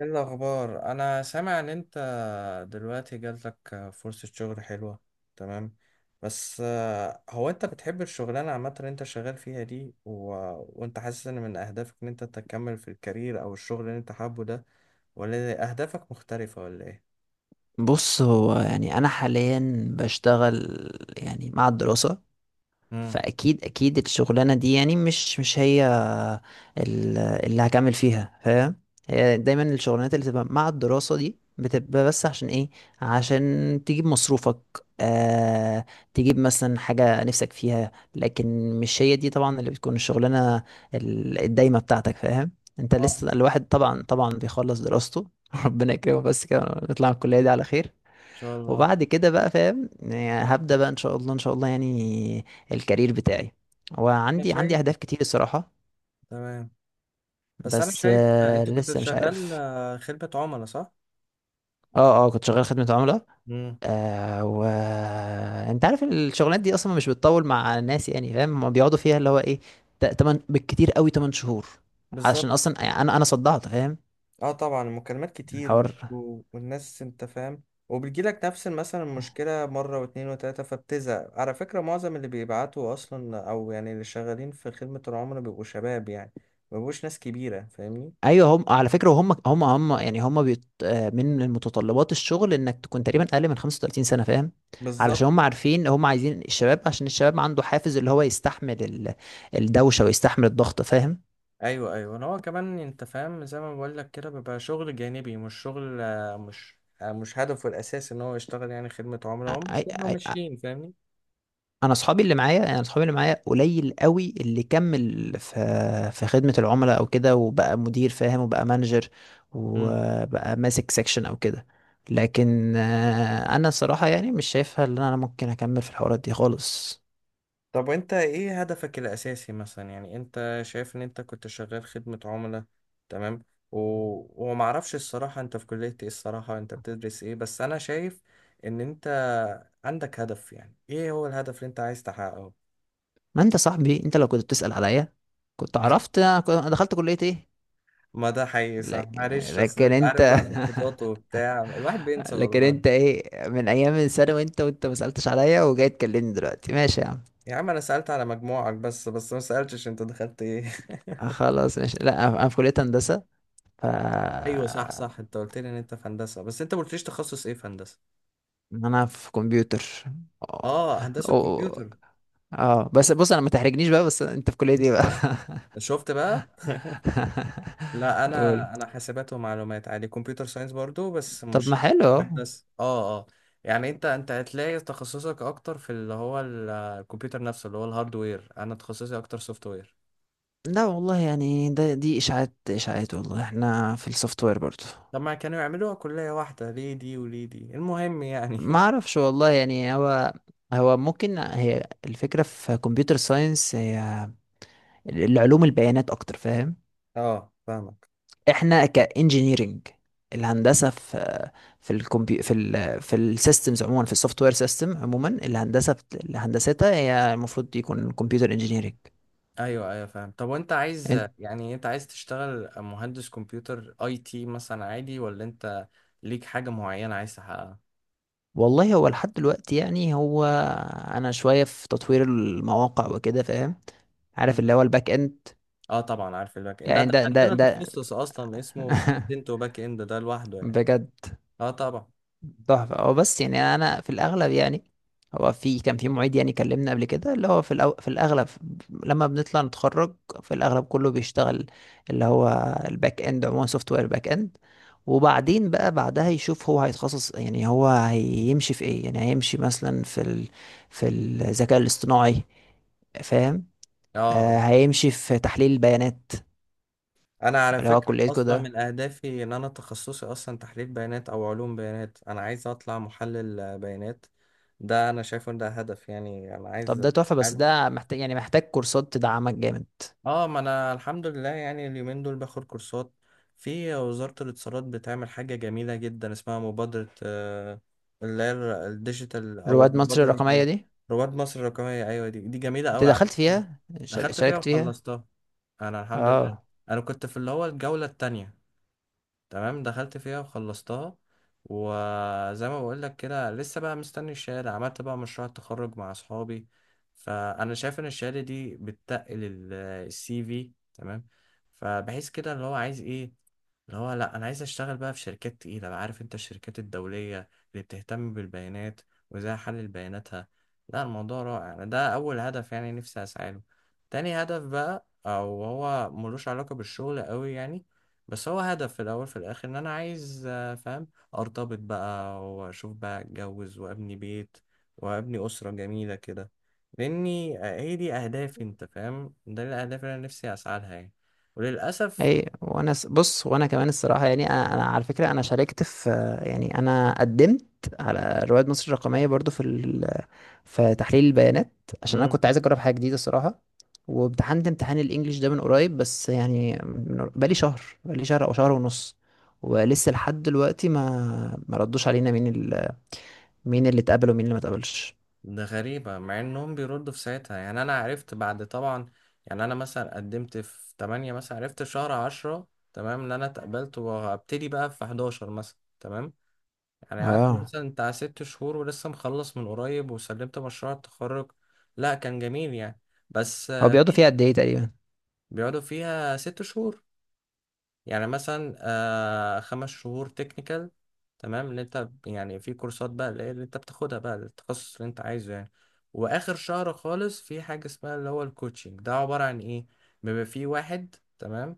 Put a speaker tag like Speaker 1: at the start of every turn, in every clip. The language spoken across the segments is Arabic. Speaker 1: ايه الاخبار؟ انا سامع ان انت دلوقتي جاتلك فرصة شغل حلوة، تمام. بس هو انت بتحب الشغلانة عامة اللي انت شغال فيها دي وانت حاسس ان من اهدافك ان انت تكمل في الكارير او الشغل اللي انت حابه ده، ولا اهدافك مختلفة ولا ايه؟
Speaker 2: بص هو يعني انا حاليا بشتغل يعني مع الدراسة.
Speaker 1: امم.
Speaker 2: فاكيد الشغلانة دي يعني مش هي اللي هكمل فيها، فاهم. هي دايما الشغلانات اللي تبقى مع الدراسة دي بتبقى بس عشان ايه؟ عشان تجيب مصروفك، آه، تجيب مثلا حاجة نفسك فيها، لكن مش هي دي طبعا اللي بتكون الشغلانة الدايمة بتاعتك، فاهم. انت
Speaker 1: اه، ان
Speaker 2: لسه الواحد طبعا بيخلص دراسته ربنا يكرمه بس كده، ونطلع من الكلية دي على خير.
Speaker 1: شاء الله.
Speaker 2: وبعد كده بقى، فاهم، يعني هبدأ بقى ان شاء الله، يعني الكارير بتاعي.
Speaker 1: انا
Speaker 2: وعندي
Speaker 1: شايف،
Speaker 2: اهداف كتير الصراحة.
Speaker 1: تمام. بس انا
Speaker 2: بس
Speaker 1: شايف
Speaker 2: آه
Speaker 1: انت كنت
Speaker 2: لسه مش
Speaker 1: شغال
Speaker 2: عارف.
Speaker 1: خدمة عملاء، صح؟
Speaker 2: اه. اه كنت شغال خدمة عملاء.
Speaker 1: امم.
Speaker 2: آه و انت عارف الشغلانات دي اصلا مش بتطول مع الناس، يعني فاهم، هما بيقعدوا فيها اللي هو ايه، تمن بالكتير قوي 8 شهور.
Speaker 1: بالظبط.
Speaker 2: عشان اصلا يعني انا صدعت، فاهم،
Speaker 1: اه طبعا المكالمات كتير
Speaker 2: الحوار.
Speaker 1: برضه، والناس انت فاهم، وبتجيلك نفس مثلا المشكلة مرة واتنين وتلاتة فبتزهق. على فكرة معظم اللي بيبعتوا أصلا، أو يعني اللي شغالين في خدمة العملاء، بيبقوا شباب يعني، مبيبقوش ناس كبيرة، فاهمني؟
Speaker 2: ايوه هم على فكره، هم يعني هم بيت... آه، من متطلبات الشغل انك تكون تقريبا اقل من 35 سنه، فاهم.
Speaker 1: بالظبط.
Speaker 2: علشان هم عارفين هم عايزين الشباب، عشان الشباب عنده حافز اللي هو يستحمل الدوشه ويستحمل الضغط، فاهم.
Speaker 1: أيوه أيوه، أنا هو كمان أنت فاهم، زي ما بقول لك كده بيبقى شغل جانبي، مش شغل، مش هدفه الأساسي إن هو يشتغل يعني خدمة عملاء، هو
Speaker 2: أي...
Speaker 1: مش هو
Speaker 2: أي...
Speaker 1: ماشيين، فاهمني؟
Speaker 2: انا اصحابي اللي معايا، قليل قوي اللي كمل في خدمه العملاء او كده وبقى مدير، فاهم، وبقى مانجر،
Speaker 1: مم.
Speaker 2: وبقى ماسك سيكشن او كده. لكن آه، انا صراحه يعني مش شايفها ان انا ممكن اكمل في الحوارات دي خالص.
Speaker 1: طب وانت ايه هدفك الاساسي مثلا؟ يعني انت شايف ان انت كنت شغال خدمة عملاء، تمام، و... ومعرفش الصراحة انت في كلية ايه، الصراحة انت بتدرس ايه، بس انا شايف ان انت عندك هدف. يعني ايه هو الهدف اللي انت عايز تحققه؟
Speaker 2: ما انت صاحبي، انت لو كنت بتسأل عليا كنت عرفت انا أنا دخلت كلية ايه.
Speaker 1: ما ده حقيقي، صح،
Speaker 2: لك-
Speaker 1: معلش اصل
Speaker 2: لكن
Speaker 1: انت
Speaker 2: انت
Speaker 1: عارف بقى الضغوطات وبتاع، الواحد بينسى
Speaker 2: لكن
Speaker 1: والله.
Speaker 2: انت ايه، من ايام الثانوي انت، وانت ما سألتش عليا وجاي تكلمني دلوقتي، ماشي يا عم.
Speaker 1: يا عم انا سألت على مجموعك بس ما سألتش انت دخلت ايه.
Speaker 2: آه، خلاص ماشي، لا انا في كلية هندسة. ف
Speaker 1: ايوه صح
Speaker 2: آه،
Speaker 1: صح، انت قلت لي ان انت في هندسة، بس انت ما قلتليش تخصص ايه في هندسة.
Speaker 2: انا في كمبيوتر. اه.
Speaker 1: اه، هندسة
Speaker 2: أو-
Speaker 1: كمبيوتر.
Speaker 2: اه بس بص، انا ما تحرجنيش بقى، بس انت في كلية ايه بقى؟
Speaker 1: شفت بقى. لا
Speaker 2: قول.
Speaker 1: انا حاسبات ومعلومات، عادي كمبيوتر ساينس برضو، بس
Speaker 2: طب ما
Speaker 1: مش
Speaker 2: حلو اهو.
Speaker 1: مهندس. اه اه، يعني انت هتلاقي تخصصك اكتر في اللي هو الكمبيوتر نفسه، اللي هو الهاردوير. انا تخصصي اكتر سوفت وير.
Speaker 2: لا والله يعني دي اشاعات والله، احنا في السوفت وير برضه.
Speaker 1: لما كانوا يعملوها كلية واحدة، ليه دي وليه دي، المهم يعني.
Speaker 2: ما اعرفش والله، يعني هو ممكن هي الفكره في كمبيوتر ساينس هي العلوم البيانات اكتر، فاهم.
Speaker 1: اه فاهمك.
Speaker 2: احنا كانجينيرنج، الهندسه في في في السيستمز عموما، في السوفت وير سيستم عموما، الهندسه هندستها هي المفروض يكون كمبيوتر انجينيرنج.
Speaker 1: ايوه ايوه فاهم. طب وانت عايز، يعني انت عايز تشتغل مهندس كمبيوتر اي تي مثلا عادي، ولا انت ليك حاجة معينة عايز تحققها؟
Speaker 2: والله هو لحد دلوقتي يعني هو انا شويه في تطوير المواقع وكده، فاهم، عارف اللي هو الباك اند.
Speaker 1: اه طبعا عارف الباك اند، لا
Speaker 2: يعني
Speaker 1: ده
Speaker 2: ده ده
Speaker 1: عندنا
Speaker 2: ده
Speaker 1: تخصص اصلا اسمه فرونت اند وباك اند، ده لوحده يعني.
Speaker 2: بجد
Speaker 1: اه طبعا.
Speaker 2: تحفة هو. بس يعني أنا في الأغلب يعني هو في كان في معيد يعني كلمنا قبل كده، اللي هو في في الأغلب لما بنطلع نتخرج، في الأغلب كله بيشتغل اللي هو الباك إند عموما، سوفت وير باك إند. وبعدين بقى بعدها يشوف هو هيتخصص، يعني هو هيمشي في إيه، يعني هيمشي مثلا في في الذكاء الاصطناعي، فاهم.
Speaker 1: اه
Speaker 2: آه
Speaker 1: اه.
Speaker 2: هيمشي في تحليل البيانات،
Speaker 1: انا على
Speaker 2: اللي هو
Speaker 1: فكره
Speaker 2: كليتكو
Speaker 1: اصلا
Speaker 2: ده.
Speaker 1: من اهدافي ان انا تخصصي اصلا تحليل بيانات او علوم بيانات، انا عايز اطلع محلل بيانات. ده انا شايفه ان ده هدف يعني انا
Speaker 2: طب
Speaker 1: عايز.
Speaker 2: ده تحفة، بس ده محتاج يعني محتاج كورسات تدعمك جامد.
Speaker 1: اه، ما انا الحمد لله يعني اليومين دول باخد كورسات. في، وزارة الاتصالات بتعمل حاجة جميلة جدا اسمها مبادرة اللي هي الديجيتال، او
Speaker 2: رواد مصر
Speaker 1: المبادرة
Speaker 2: الرقمية
Speaker 1: الرقمية.
Speaker 2: دي،
Speaker 1: رواد مصر الرقمية، ايوه، دي جميلة
Speaker 2: انت
Speaker 1: قوي، عارف.
Speaker 2: دخلت فيها،
Speaker 1: دخلت فيها
Speaker 2: شاركت فيها؟
Speaker 1: وخلصتها انا الحمد لله.
Speaker 2: اه.
Speaker 1: انا كنت في اللي هو الجولة التانية، تمام، دخلت فيها وخلصتها. وزي ما بقول لك كده لسه بقى مستني الشهاده، عملت بقى مشروع التخرج مع اصحابي. فانا شايف ان الشهاده دي بتتقل السي في، تمام. فبحيث كده اللي هو عايز ايه، اللي هو لا انا عايز اشتغل بقى في شركات تقيله بقى، عارف انت الشركات الدوليه اللي بتهتم بالبيانات وازاي احلل بياناتها. لا الموضوع رائع. أنا ده اول هدف يعني نفسي اسعى له. تاني هدف بقى، او هو ملوش علاقه بالشغل قوي يعني، بس هو هدف في الاول في الاخر، ان انا عايز فاهم، ارتبط بقى واشوف بقى اتجوز وابني بيت، وابني اسره جميله كده. لاني هي دي اهدافي، انت فاهم، ده الاهداف اللي انا نفسي اسعى لها يعني. وللاسف،
Speaker 2: بص، وانا كمان الصراحه يعني أنا على فكره انا شاركت في، يعني انا قدمت على رواد مصر الرقميه برضو في في تحليل البيانات، عشان انا
Speaker 1: مم.
Speaker 2: كنت عايز اجرب حاجه جديده الصراحه. وامتحنت امتحان الانجليش ده من قريب، بس يعني بقالي شهر او شهر ونص. ولسه لحد دلوقتي ما ردوش علينا مين مين اللي اتقبل ومين اللي ما اتقبلش.
Speaker 1: ده غريبة مع انهم بيردوا في ساعتها. يعني انا عرفت بعد طبعا، يعني انا مثلا قدمت في 8، مثلا عرفت شهر 10 تمام ان انا اتقبلت، وهبتدي بقى في 11 مثلا، تمام. يعني قعدت
Speaker 2: اه.
Speaker 1: مثلا بتاع 6 شهور، ولسه مخلص من قريب وسلمت مشروع التخرج. لا كان جميل يعني. بس
Speaker 2: هو بيقعدوا
Speaker 1: في،
Speaker 2: فيها قد ايه تقريبا؟
Speaker 1: بيقعدوا فيها 6 شهور، يعني مثلا 5 شهور تكنيكال، تمام، اللي انت يعني في كورسات بقى اللي انت بتاخدها بقى التخصص اللي انت عايزه يعني. واخر شهر خالص في حاجة اسمها اللي هو الكوتشنج، ده عبارة عن ايه؟ بيبقى في واحد، تمام،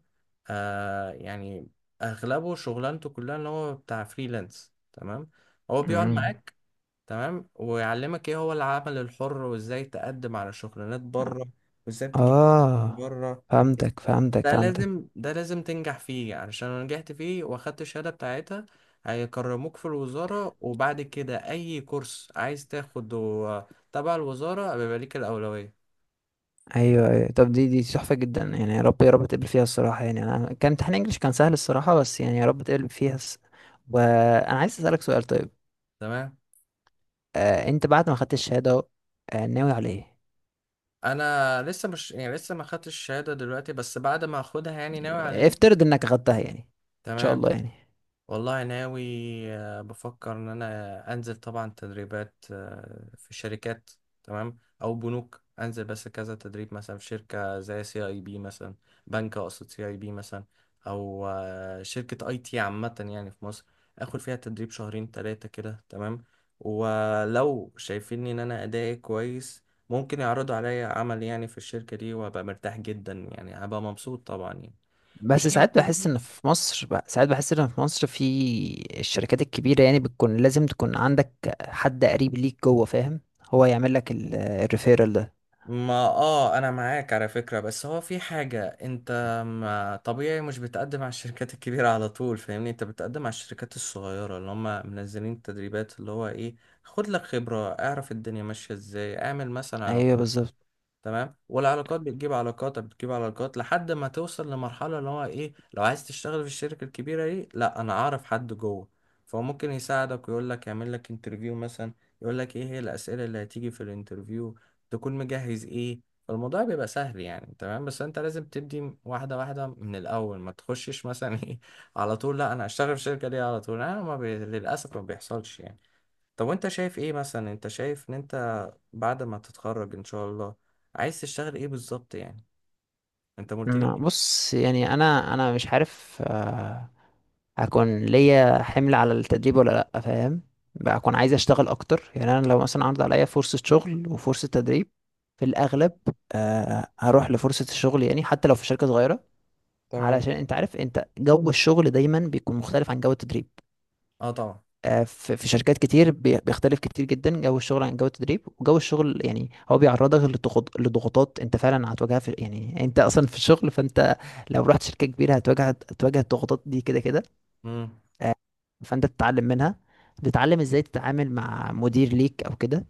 Speaker 1: يعني اغلبه شغلانته كلها اللي هو بتاع فريلانس، تمام. هو بيقعد
Speaker 2: امم.
Speaker 1: معاك تمام ويعلمك ايه هو العمل الحر، وازاي تقدم على شغلانات بره، وازاي تجيب من
Speaker 2: اه،
Speaker 1: بره.
Speaker 2: فهمتك،
Speaker 1: ده لازم ده لازم تنجح فيه، علشان لو نجحت فيه واخدت الشهادة بتاعتها هيكرموك في الوزارة، وبعد كده أي كورس عايز تاخده تبع الوزارة بيبقى ليك الأولوية.
Speaker 2: ايوه ايوه، طب دي تحفه جدا يعني، يا رب تقبل فيها الصراحه، يعني انا كان امتحان انجلش كان سهل الصراحه، بس يعني يا رب تقبل فيها وانا عايز اسالك سؤال طيب.
Speaker 1: تمام.
Speaker 2: آه انت بعد ما خدت الشهاده أهو، آه ناوي على ايه؟
Speaker 1: أنا لسه، مش يعني لسه ما خدتش الشهادة دلوقتي، بس بعد ما أخدها يعني ناوي على إيه.
Speaker 2: افترض انك خدتها، يعني ان شاء
Speaker 1: تمام.
Speaker 2: الله يعني.
Speaker 1: والله ناوي، بفكر ان انا انزل طبعا تدريبات في شركات، تمام، او بنوك، انزل بس كذا تدريب، مثلا في شركة زي سي اي بي مثلا، بنك اقصد سي اي بي مثلا، او شركة اي تي عامة يعني في مصر، اخد فيها تدريب شهرين ثلاثة كده، تمام. ولو شايفين ان انا ادائي كويس ممكن يعرضوا عليا عمل يعني في الشركة دي، وابقى مرتاح جدا يعني، هبقى مبسوط طبعا يعني.
Speaker 2: بس ساعات بحس ان في مصر بقى، ساعات بحس ان في مصر في الشركات الكبيره يعني بتكون لازم تكون عندك حد قريب ليك جوه، فاهم، هو يعمل لك الريفيرال ده.
Speaker 1: ما اه انا معاك على فكرة، بس هو في حاجة، انت ما طبيعي مش بتقدم على الشركات الكبيرة على طول، فاهمني. انت بتقدم على الشركات الصغيرة اللي هم منزلين التدريبات، اللي هو ايه، خد لك خبرة، اعرف الدنيا ماشية ازاي، اعمل مثلا علاقات،
Speaker 2: ايوه بالظبط.
Speaker 1: تمام. والعلاقات بتجيب علاقات، بتجيب علاقات لحد ما توصل لمرحلة اللي هو ايه، لو عايز تشتغل في الشركة الكبيرة دي، لا انا اعرف حد جوه، فهو ممكن يساعدك ويقول لك، يعمل لك انترفيو مثلا، يقول لك ايه هي الأسئلة اللي هتيجي في الانترفيو، تكون مجهز ايه. فالموضوع بيبقى سهل يعني، تمام، بس انت لازم تبدي واحدة واحدة من الأول، ما تخشش مثلا ايه على طول، لا انا هشتغل في الشركة دي على طول، انا ما بي... للأسف ما بيحصلش يعني. طب وانت شايف ايه مثلا؟ انت شايف ان انت بعد ما تتخرج ان شاء الله عايز تشتغل ايه بالظبط يعني؟ انت ما قلتليش.
Speaker 2: بص يعني انا مش عارف آه، هكون ليا حمل على التدريب ولا لا، فاهم. بقى اكون عايز اشتغل اكتر، يعني انا لو مثلا عرض عليا فرصة شغل وفرصة تدريب، في الاغلب آه، هروح لفرصة الشغل، يعني حتى لو في شركة صغيرة.
Speaker 1: تمام.
Speaker 2: علشان انت عارف انت جو الشغل دايما بيكون مختلف عن جو التدريب.
Speaker 1: اه طبعا.
Speaker 2: آه، في شركات كتير بيختلف كتير جدا جو الشغل عن جو التدريب، وجو الشغل يعني هو بيعرضك لضغوطات انت فعلا هتواجهها، في يعني انت اصلا في الشغل، فانت لو رحت شركة كبيرة هتواجه الضغوطات دي كده كده.
Speaker 1: امم.
Speaker 2: فانت تتعلم منها، تتعلم ازاي تتعامل مع مدير ليك او كده،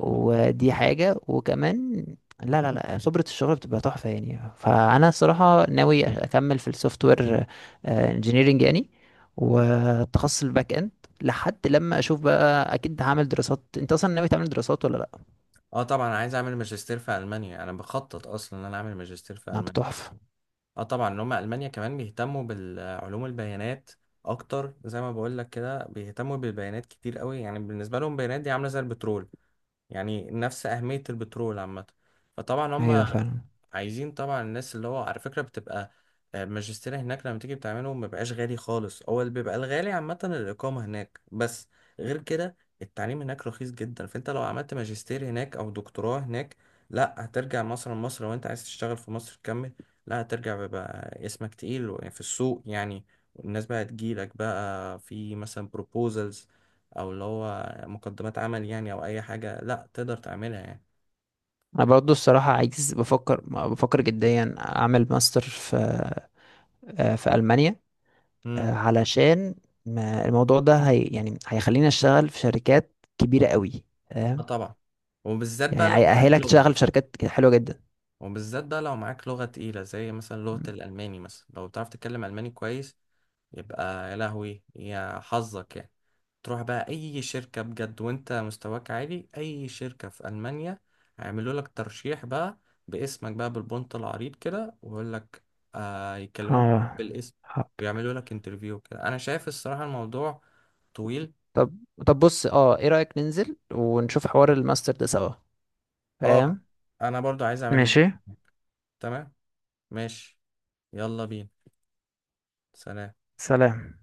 Speaker 2: ودي حاجة. وكمان لا خبرة الشغل بتبقى تحفة يعني. فأنا الصراحة ناوي أكمل في السوفت وير انجينيرنج يعني، والتخصص الباك اند، لحد لما أشوف بقى. أكيد هعمل دراسات، أنت أصلا ناوي تعمل دراسات ولا لأ؟
Speaker 1: اه طبعا، انا عايز اعمل ماجستير في المانيا، انا بخطط اصلا ان انا اعمل ماجستير في
Speaker 2: لا
Speaker 1: المانيا.
Speaker 2: تحفة.
Speaker 1: اه طبعا ان هم المانيا كمان بيهتموا بالعلوم البيانات اكتر، زي ما بقول لك كده بيهتموا بالبيانات كتير قوي يعني، بالنسبه لهم البيانات دي عامله زي البترول يعني، نفس اهميه البترول عامه. فطبعا هم
Speaker 2: أيوة فعلا.
Speaker 1: عايزين طبعا الناس، اللي هو على فكرة بتبقى الماجستير هناك لما تيجي بتعمله ما بيبقاش غالي خالص، هو اللي بيبقى الغالي عامة الإقامة هناك بس، غير كده التعليم هناك رخيص جدا. فأنت لو عملت ماجستير هناك أو دكتوراه هناك، لا هترجع مثلا مصر، لو أنت عايز تشتغل في مصر تكمل، لا هترجع بيبقى اسمك تقيل في السوق يعني. والناس بقى تجيلك بقى في مثلا بروبوزلز، أو اللي هو مقدمات عمل يعني، أو أي حاجة لا تقدر تعملها يعني.
Speaker 2: أنا برضو الصراحة عايز، بفكر جديا أعمل ماستر في آه، في ألمانيا، آه، علشان الموضوع ده يعني هيخليني أشتغل في شركات كبيرة قوي
Speaker 1: اه طبعا. وبالذات بقى
Speaker 2: يعني،
Speaker 1: لو معاك
Speaker 2: هيأهلك
Speaker 1: لغة.
Speaker 2: تشتغل في شركات حلوة جدا.
Speaker 1: وبالذات بقى لو معاك لغة تقيلة، زي مثلا لغة
Speaker 2: مم.
Speaker 1: الألماني مثلا، لو بتعرف تتكلم ألماني كويس يبقى يا لهوي يا حظك يعني، تروح بقى أي شركة بجد وأنت مستواك عالي، أي شركة في ألمانيا هيعملوا لك ترشيح بقى باسمك بقى بالبنط العريض كده، ويقول لك يكلموك
Speaker 2: اه.
Speaker 1: بالاسم
Speaker 2: حب.
Speaker 1: ويعملوا لك انترفيو كده. أنا شايف الصراحة الموضوع طويل.
Speaker 2: طب، بص اه، ايه رأيك ننزل ونشوف حوار الماستر ده سوا،
Speaker 1: اه،
Speaker 2: فاهم.
Speaker 1: أنا برضو عايز أعمل،
Speaker 2: ماشي.
Speaker 1: تمام، ماشي، يلا بينا، سلام.
Speaker 2: سلام.